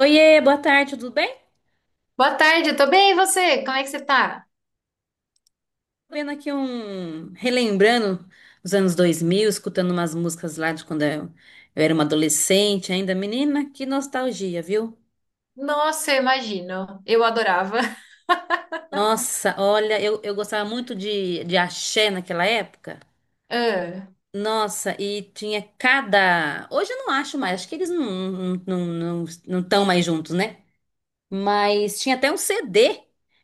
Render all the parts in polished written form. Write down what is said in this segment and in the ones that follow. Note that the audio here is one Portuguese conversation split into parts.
Oiê, boa tarde, tudo bem? Boa tarde, eu tô bem, e você? Como é que você tá? Tô vendo aqui um... Relembrando os anos 2000, escutando umas músicas lá de quando eu era uma adolescente ainda. Menina, que nostalgia, viu? Nossa, eu imagino. Eu adorava. Nossa, olha, eu gostava muito de axé naquela época. Ah, Nossa, e tinha cada... Hoje eu não acho mais, acho que eles não estão mais juntos, né? Mas tinha até um CD,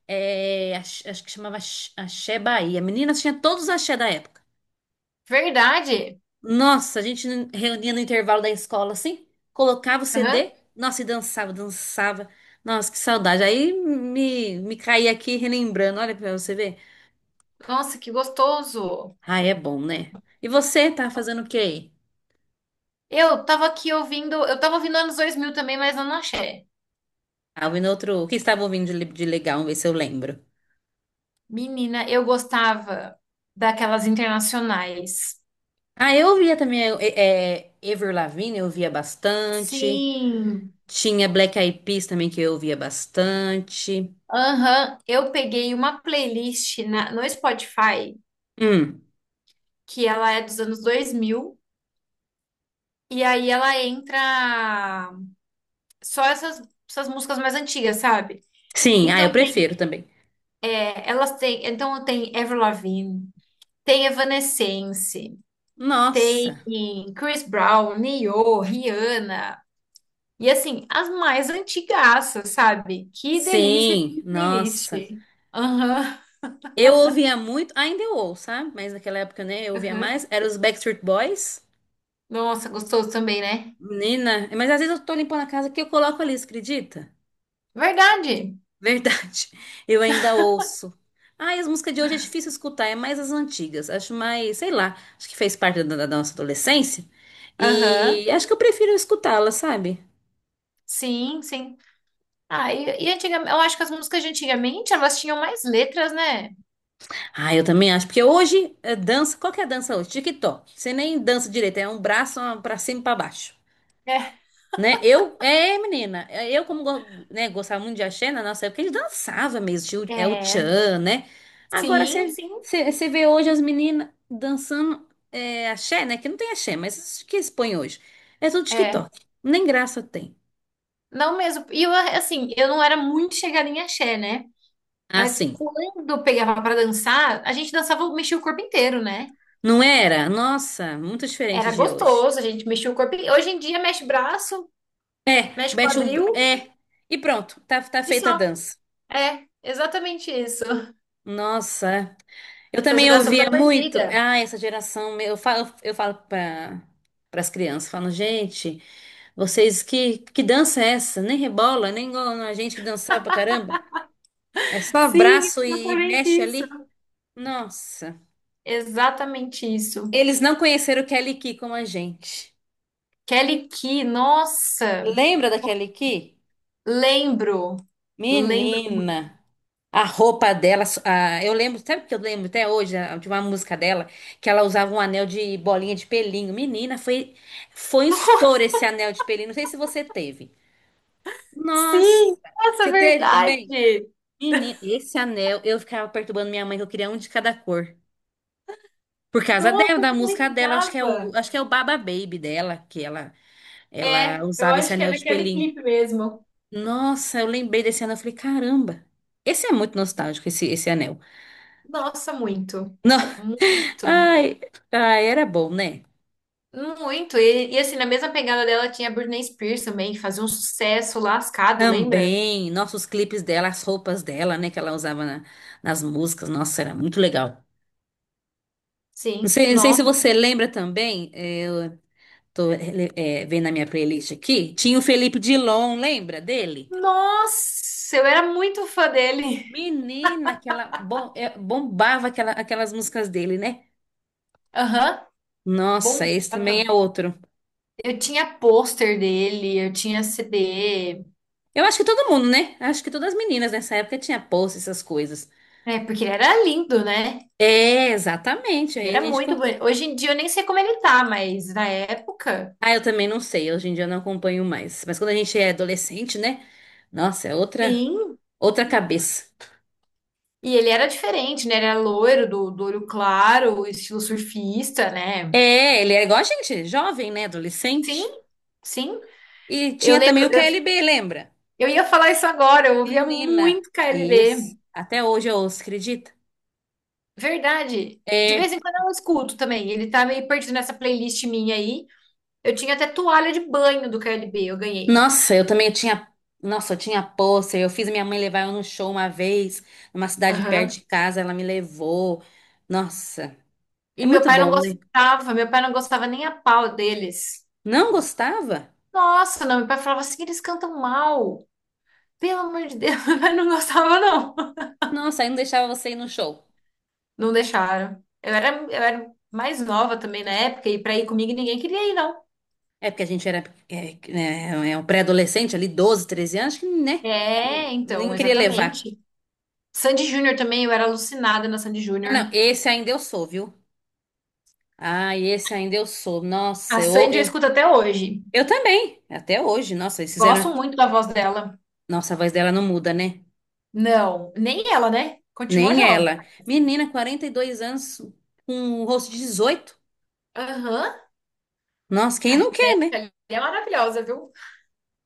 é, acho que chamava Axé Bahia. Meninas, tinha todos os axé da época. verdade? Nossa, a gente reunia no intervalo da escola assim, colocava o Aham. CD, nossa, e dançava, dançava. Nossa, que saudade. Aí me caí aqui relembrando, olha pra você ver. Nossa, que gostoso. Ah, é bom, né? E você tá fazendo o quê aí? Eu tava aqui ouvindo, eu tava ouvindo anos 2000 também, mas eu não achei. Ah, ouvindo outro. O que estava ouvindo de legal? Vamos ver se eu lembro. Menina, eu gostava daquelas internacionais. Ah, eu ouvia também Avril Lavigne, eu ouvia bastante. Sim. Tinha Black Eyed Peas também que eu ouvia bastante. Aham, eu peguei uma playlist na- no Spotify, Hum, que ela é dos anos 2000 e aí ela entra só essas, essas músicas mais antigas, sabe? sim, ah, eu Então tem, prefiro também. é, elas têm, então tem Avril Lavigne, tem Evanescence, tem Nossa, Chris Brown, Nio, Rihanna. E assim, as mais antigaças, sabe? Que delícia sim, de playlist. nossa. Aham, Eu ouvia muito, ainda eu ouço, sabe? Mas naquela época, né, eu ouvia aham. mais. Era os Backstreet Boys. Nossa, gostoso também, né? Menina, mas às vezes eu tô limpando a casa que eu coloco ali, você acredita? Verdade. Verdade. Eu ainda ouço. Ai, as músicas de hoje é difícil escutar, é mais as antigas. Acho mais, sei lá, acho que fez parte da nossa adolescência. Aham. E acho que eu prefiro escutá-la, sabe? Sim, sim. Ah, e antigamente, eu acho que as músicas de antigamente, elas tinham mais letras, né? Ah, eu também acho, porque hoje é dança, qual que é a dança hoje? TikTok. Você nem dança direito, é um braço ó, pra cima e pra baixo. É. Né? Menina, eu como, gostava muito de axé na nossa época, a gente dançava mesmo, tinha o É, tchan, né? Agora sim, sim. Você vê hoje as meninas dançando axé, né? Que não tem axé, mas isso que eles põem hoje. É tudo É. TikTok, nem graça tem. Não mesmo. E eu, assim, eu não era muito chegada em axé, né? Mas Assim, quando eu pegava pra dançar, a gente dançava, mexia o corpo inteiro, né? não era? Nossa, muito diferente Era de hoje. gostoso, a gente mexia o corpo. Hoje em dia mexe braço, É, mexe mexe um, quadril é, e pronto, tá e feita a só. dança. É, exatamente isso. Nossa. É. Eu Essa também geração ouvia tá muito, perdida. ah, essa geração, meu, eu falo para as crianças, falo, gente, vocês que dança é essa? Nem rebola, nem igual a gente que dançava pra caramba. É só Sim, abraço e exatamente mexe isso. ali. Nossa. Exatamente isso. Eles não conheceram Kelly Key como a gente. Kelly Key, nossa, Lembra da Kelly Key? lembro, lembro. Menina, a roupa dela, eu lembro, sabe o que eu lembro até hoje de uma música dela, que ela usava um anel de bolinha de pelinho. Menina, foi um estouro esse anel de pelinho. Não sei se você teve. Nossa, Sim, nossa, você teve também? verdade. Menina, esse anel, eu ficava perturbando minha mãe que eu queria um de cada cor. Por causa dela, Nossa, eu da não música dela, lembrava. acho que é o Baba Baby dela, que ela É, eu usava esse acho que é anel de naquele pelinho. clipe mesmo. Nossa, eu lembrei desse anel, eu falei, caramba. Esse é muito nostálgico, esse anel. Nossa, muito. Não. Muito. Ai, ai, era bom, né? Muito. E, assim, na mesma pegada dela tinha a Britney Spears também, que fazia um sucesso lascado, lembra? Também, nossos clipes dela, as roupas dela, né, que ela usava nas músicas, nossa, era muito legal. Não Sim. sei, não sei se Nó. você lembra também, eu vendo a minha playlist aqui, tinha o Felipe Dilon, lembra dele? Nossa, eu era muito fã dele. Menina, bombava aquelas músicas dele, né? Aham. Nossa, esse também Bombava. é outro. Eu tinha pôster dele, eu tinha CD. Eu acho que todo mundo, né? Acho que todas as meninas nessa época tinha post essas coisas. É, porque ele era lindo, né? É, exatamente. Aí Ele a era gente. muito bonito. Hoje em dia eu nem sei como ele tá, mas na época. Ah, eu também não sei, hoje em dia eu não acompanho mais. Mas quando a gente é adolescente, né? Nossa, é Sim, outra cabeça. E ele era diferente, né? Ele era loiro, do, do olho claro, estilo surfista, né? É, ele é igual a gente, jovem, né? Sim, Adolescente. sim. E Eu tinha também lembro, o eu, KLB, lembra? eu ia falar isso agora, eu ouvia Menina. muito Isso. KLB. Até hoje eu ouço, acredita? Verdade. De vez É. em quando eu escuto também. Ele tá meio perdido nessa playlist minha aí. Eu tinha até toalha de banho do KLB, eu ganhei. Nossa, eu também tinha. Nossa, eu tinha pôster. Eu fiz minha mãe levar eu num show uma vez, numa cidade perto de Aham. casa, ela me levou. Nossa, é E meu muito pai não bom, né? gostava, meu pai não gostava nem a pau deles. Não gostava? Nossa, não, meu pai falava assim, eles cantam mal. Pelo amor de Deus, meu pai não gostava, não. Nossa, aí não deixava você ir no show. Não deixaram. Eu era mais nova também na época, e pra ir comigo ninguém queria ir, não. É porque a gente era é um pré-adolescente ali, 12, 13 anos, que, né? É, então, Nem queria levar. exatamente. Sandy Júnior também, eu era alucinada na Sandy Ah, não, Júnior. esse ainda eu sou, viu? Ah, esse ainda eu sou. A Nossa, Sandy eu escuto até hoje. eu também, até hoje. Nossa, eles fizeram. Gosto muito da voz dela. Nossa, a voz dela não muda, né? Não, nem ela, né? Continua Nem jovem. ela. Menina, 42 anos, com um rosto de 18. Aham. Nossa, quem A não quer, né? Rita é maravilhosa, viu?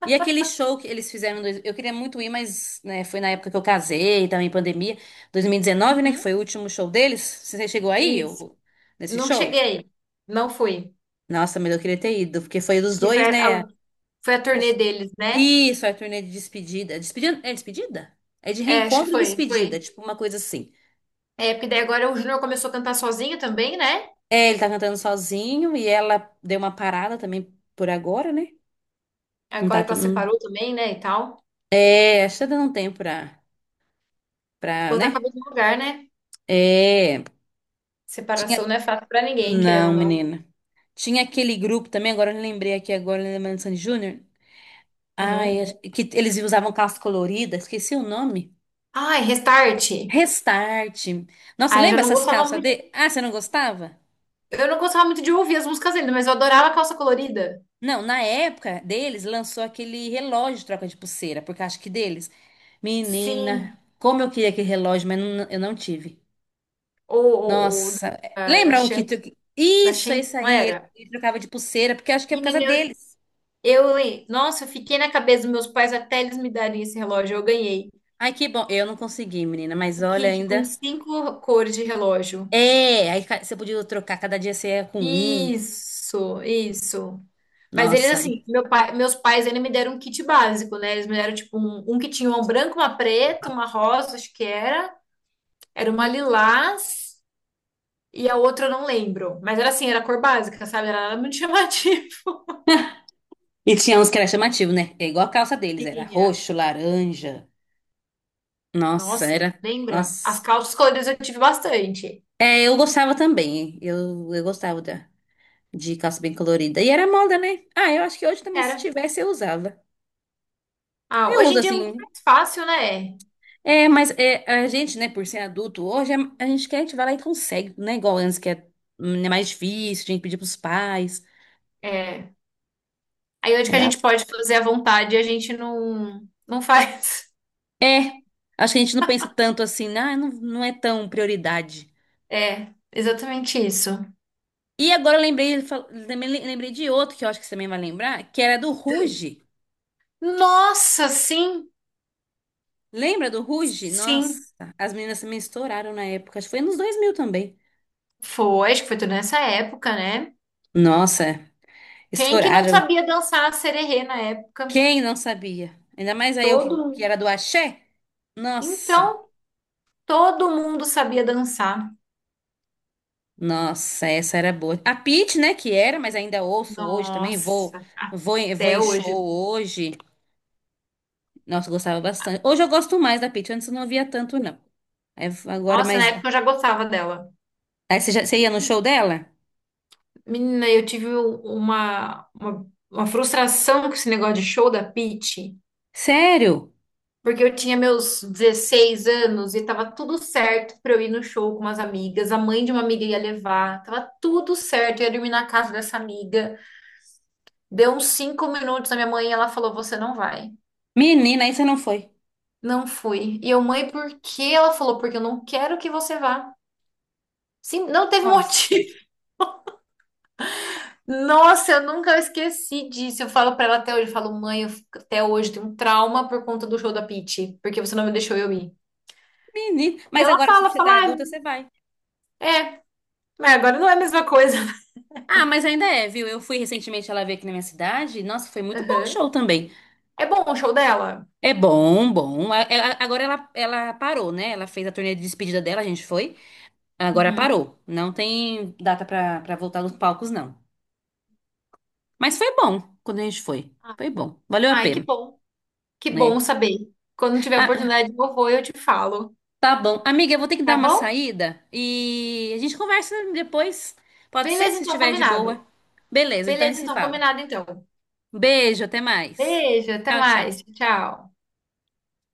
E aquele show que eles fizeram, eu queria muito ir, mas né, foi na época que eu casei, também pandemia, 2019, né, que Uhum. foi o último show deles. Você chegou aí, Isso. eu, nesse Não show? cheguei. Não fui. Nossa, mas eu queria ter ido, porque foi dos Que foi dois, a, né? foi a turnê Acho- deles, né? Isso, a turnê de despedida. Despedida? É despedida? É de É, acho que reencontro e foi, despedida, foi. tipo uma coisa assim. É, porque daí agora o Júnior começou a cantar sozinho também, né? É, ele tá cantando sozinho e ela deu uma parada também por agora, né? Não tá. Agora que tão- ela não- separou também, né, e tal. É, acho que tá dando um tempo pra, Botar a né? cabeça no lugar, né? É. Tinha. Separação não é fácil pra ninguém, querendo ou Não, não. menina. Tinha aquele grupo também, agora eu lembrei aqui agora, lembrando de Sandy Júnior. Aham. Ai, acho que eles usavam calça colorida, esqueci o nome. Ai, Restart. Restart. Nossa, Ai, eu já lembra não essas gostava calças muito. de... Ah, você não gostava? Eu não gostava muito de ouvir as músicas ainda, mas eu adorava Calça Colorida. Não, na época deles lançou aquele relógio de troca de pulseira, porque acho que deles. Menina, Sim. como eu queria aquele relógio, mas eu não tive. Ou Nossa, da lembra um que Shan, tu... da Isso, é Shan, isso não aí. era? Ele trocava de pulseira, porque acho que é por causa Menina, deles. Nossa, eu fiquei na cabeça dos meus pais até eles me darem esse relógio. Eu ganhei Ai, que bom. Eu não consegui, menina, mas o olha kit com ainda. 5 cores de relógio. É, você podia trocar, cada dia você ia com um. Isso, isso. Mas eles, Nossa. assim, meu pai, meus pais ainda me deram um kit básico, né? Eles me deram, tipo, um que tinha uma branca, uma preta, uma rosa, acho que era. Era uma lilás e a outra eu não lembro. Mas era assim, era a cor básica, sabe? Era nada muito chamativa. E tinha uns que era chamativo, né? É igual a calça deles, era Tinha. roxo, laranja. Nossa, Nossa, era. lembra? As Nossa. calças coloridas eu tive bastante. É, eu gostava também. Eu gostava de calça bem colorida. E era moda, né? Ah, eu acho que hoje também, se Era. tivesse, eu usava. Ah, Eu hoje uso em dia é muito assim. mais fácil, né? É, mas é, a gente, né, por ser adulto, a gente quer, a gente vai lá e consegue, né? Igual antes, é mais difícil, tinha que pedir pros pais. É. Aí onde que a gente pode fazer à vontade, a gente não faz. É, acho que a gente não pensa tanto assim, né? Ah, não, é tão prioridade. É, exatamente isso. E agora eu lembrei, ele fal- também le- lembrei de outro que eu acho que você também vai lembrar, que era do Ruge. Nossa, sim, Lembra do Ruge? sim. Nossa, as meninas também estouraram na época, acho que foi nos 2000 também. Foi, acho que foi tudo nessa época, né? Nossa, Quem que não estouraram. sabia dançar sererê na época? Quem não sabia? Ainda mais aí eu Todo que mundo. era do Axé. Nossa, Então, todo mundo sabia dançar. nossa, essa era boa. A Pitty, né, que era, mas ainda ouço hoje também, Nossa, vou até em show hoje. hoje. Nossa, eu gostava bastante. Hoje eu gosto mais da Pitty, antes eu não via tanto, não. Aí, agora Nossa, na mais. época eu já gostava dela. Aí você ia no show dela? Menina, eu tive uma frustração com esse negócio de show da Pitty, Sério? porque eu tinha meus 16 anos e tava tudo certo pra eu ir no show com umas amigas. A mãe de uma amiga ia levar, tava tudo certo, eu ia dormir na casa dessa amiga. Deu uns 5 minutos a minha mãe e ela falou: Você não vai. Menina, aí você não foi. Não fui. E eu, mãe, por quê? Ela falou: Porque eu não quero que você vá. Sim, não teve Nossa, motivo. Nossa, eu nunca esqueci disso. Eu falo pra ela até hoje: eu falo, mãe, eu fico- até hoje tenho um trauma por conta do show da Pitty, porque você não me deixou eu ir. menina. E Mas ela agora, se fala: você tá fala, adulta, você vai. "Ah, é, mas agora não é a mesma coisa. Ah, mas ainda é, viu? Eu fui recentemente, ela veio aqui na minha cidade. Nossa, foi muito bom o Aham. show também. É bom o show dela? É bom, bom. Agora ela parou, né? Ela fez a turnê de despedida dela, a gente foi. Agora Uhum. parou. Não tem data pra voltar nos palcos, não. Mas foi bom quando a gente foi. Ah, Foi bom. Valeu a Ai, que pena, bom. Que bom né? saber. Quando tiver Ah, oportunidade, eu vou, eu te falo. tá bom. Amiga, eu vou ter que dar Tá uma bom? saída e a gente conversa depois. Pode ser, Beleza, se então, estiver de boa. combinado. Beleza, então a gente Beleza, se então, fala. combinado então. Beijo, até mais. Beijo, até Tchau, mais. tchau. Tchau.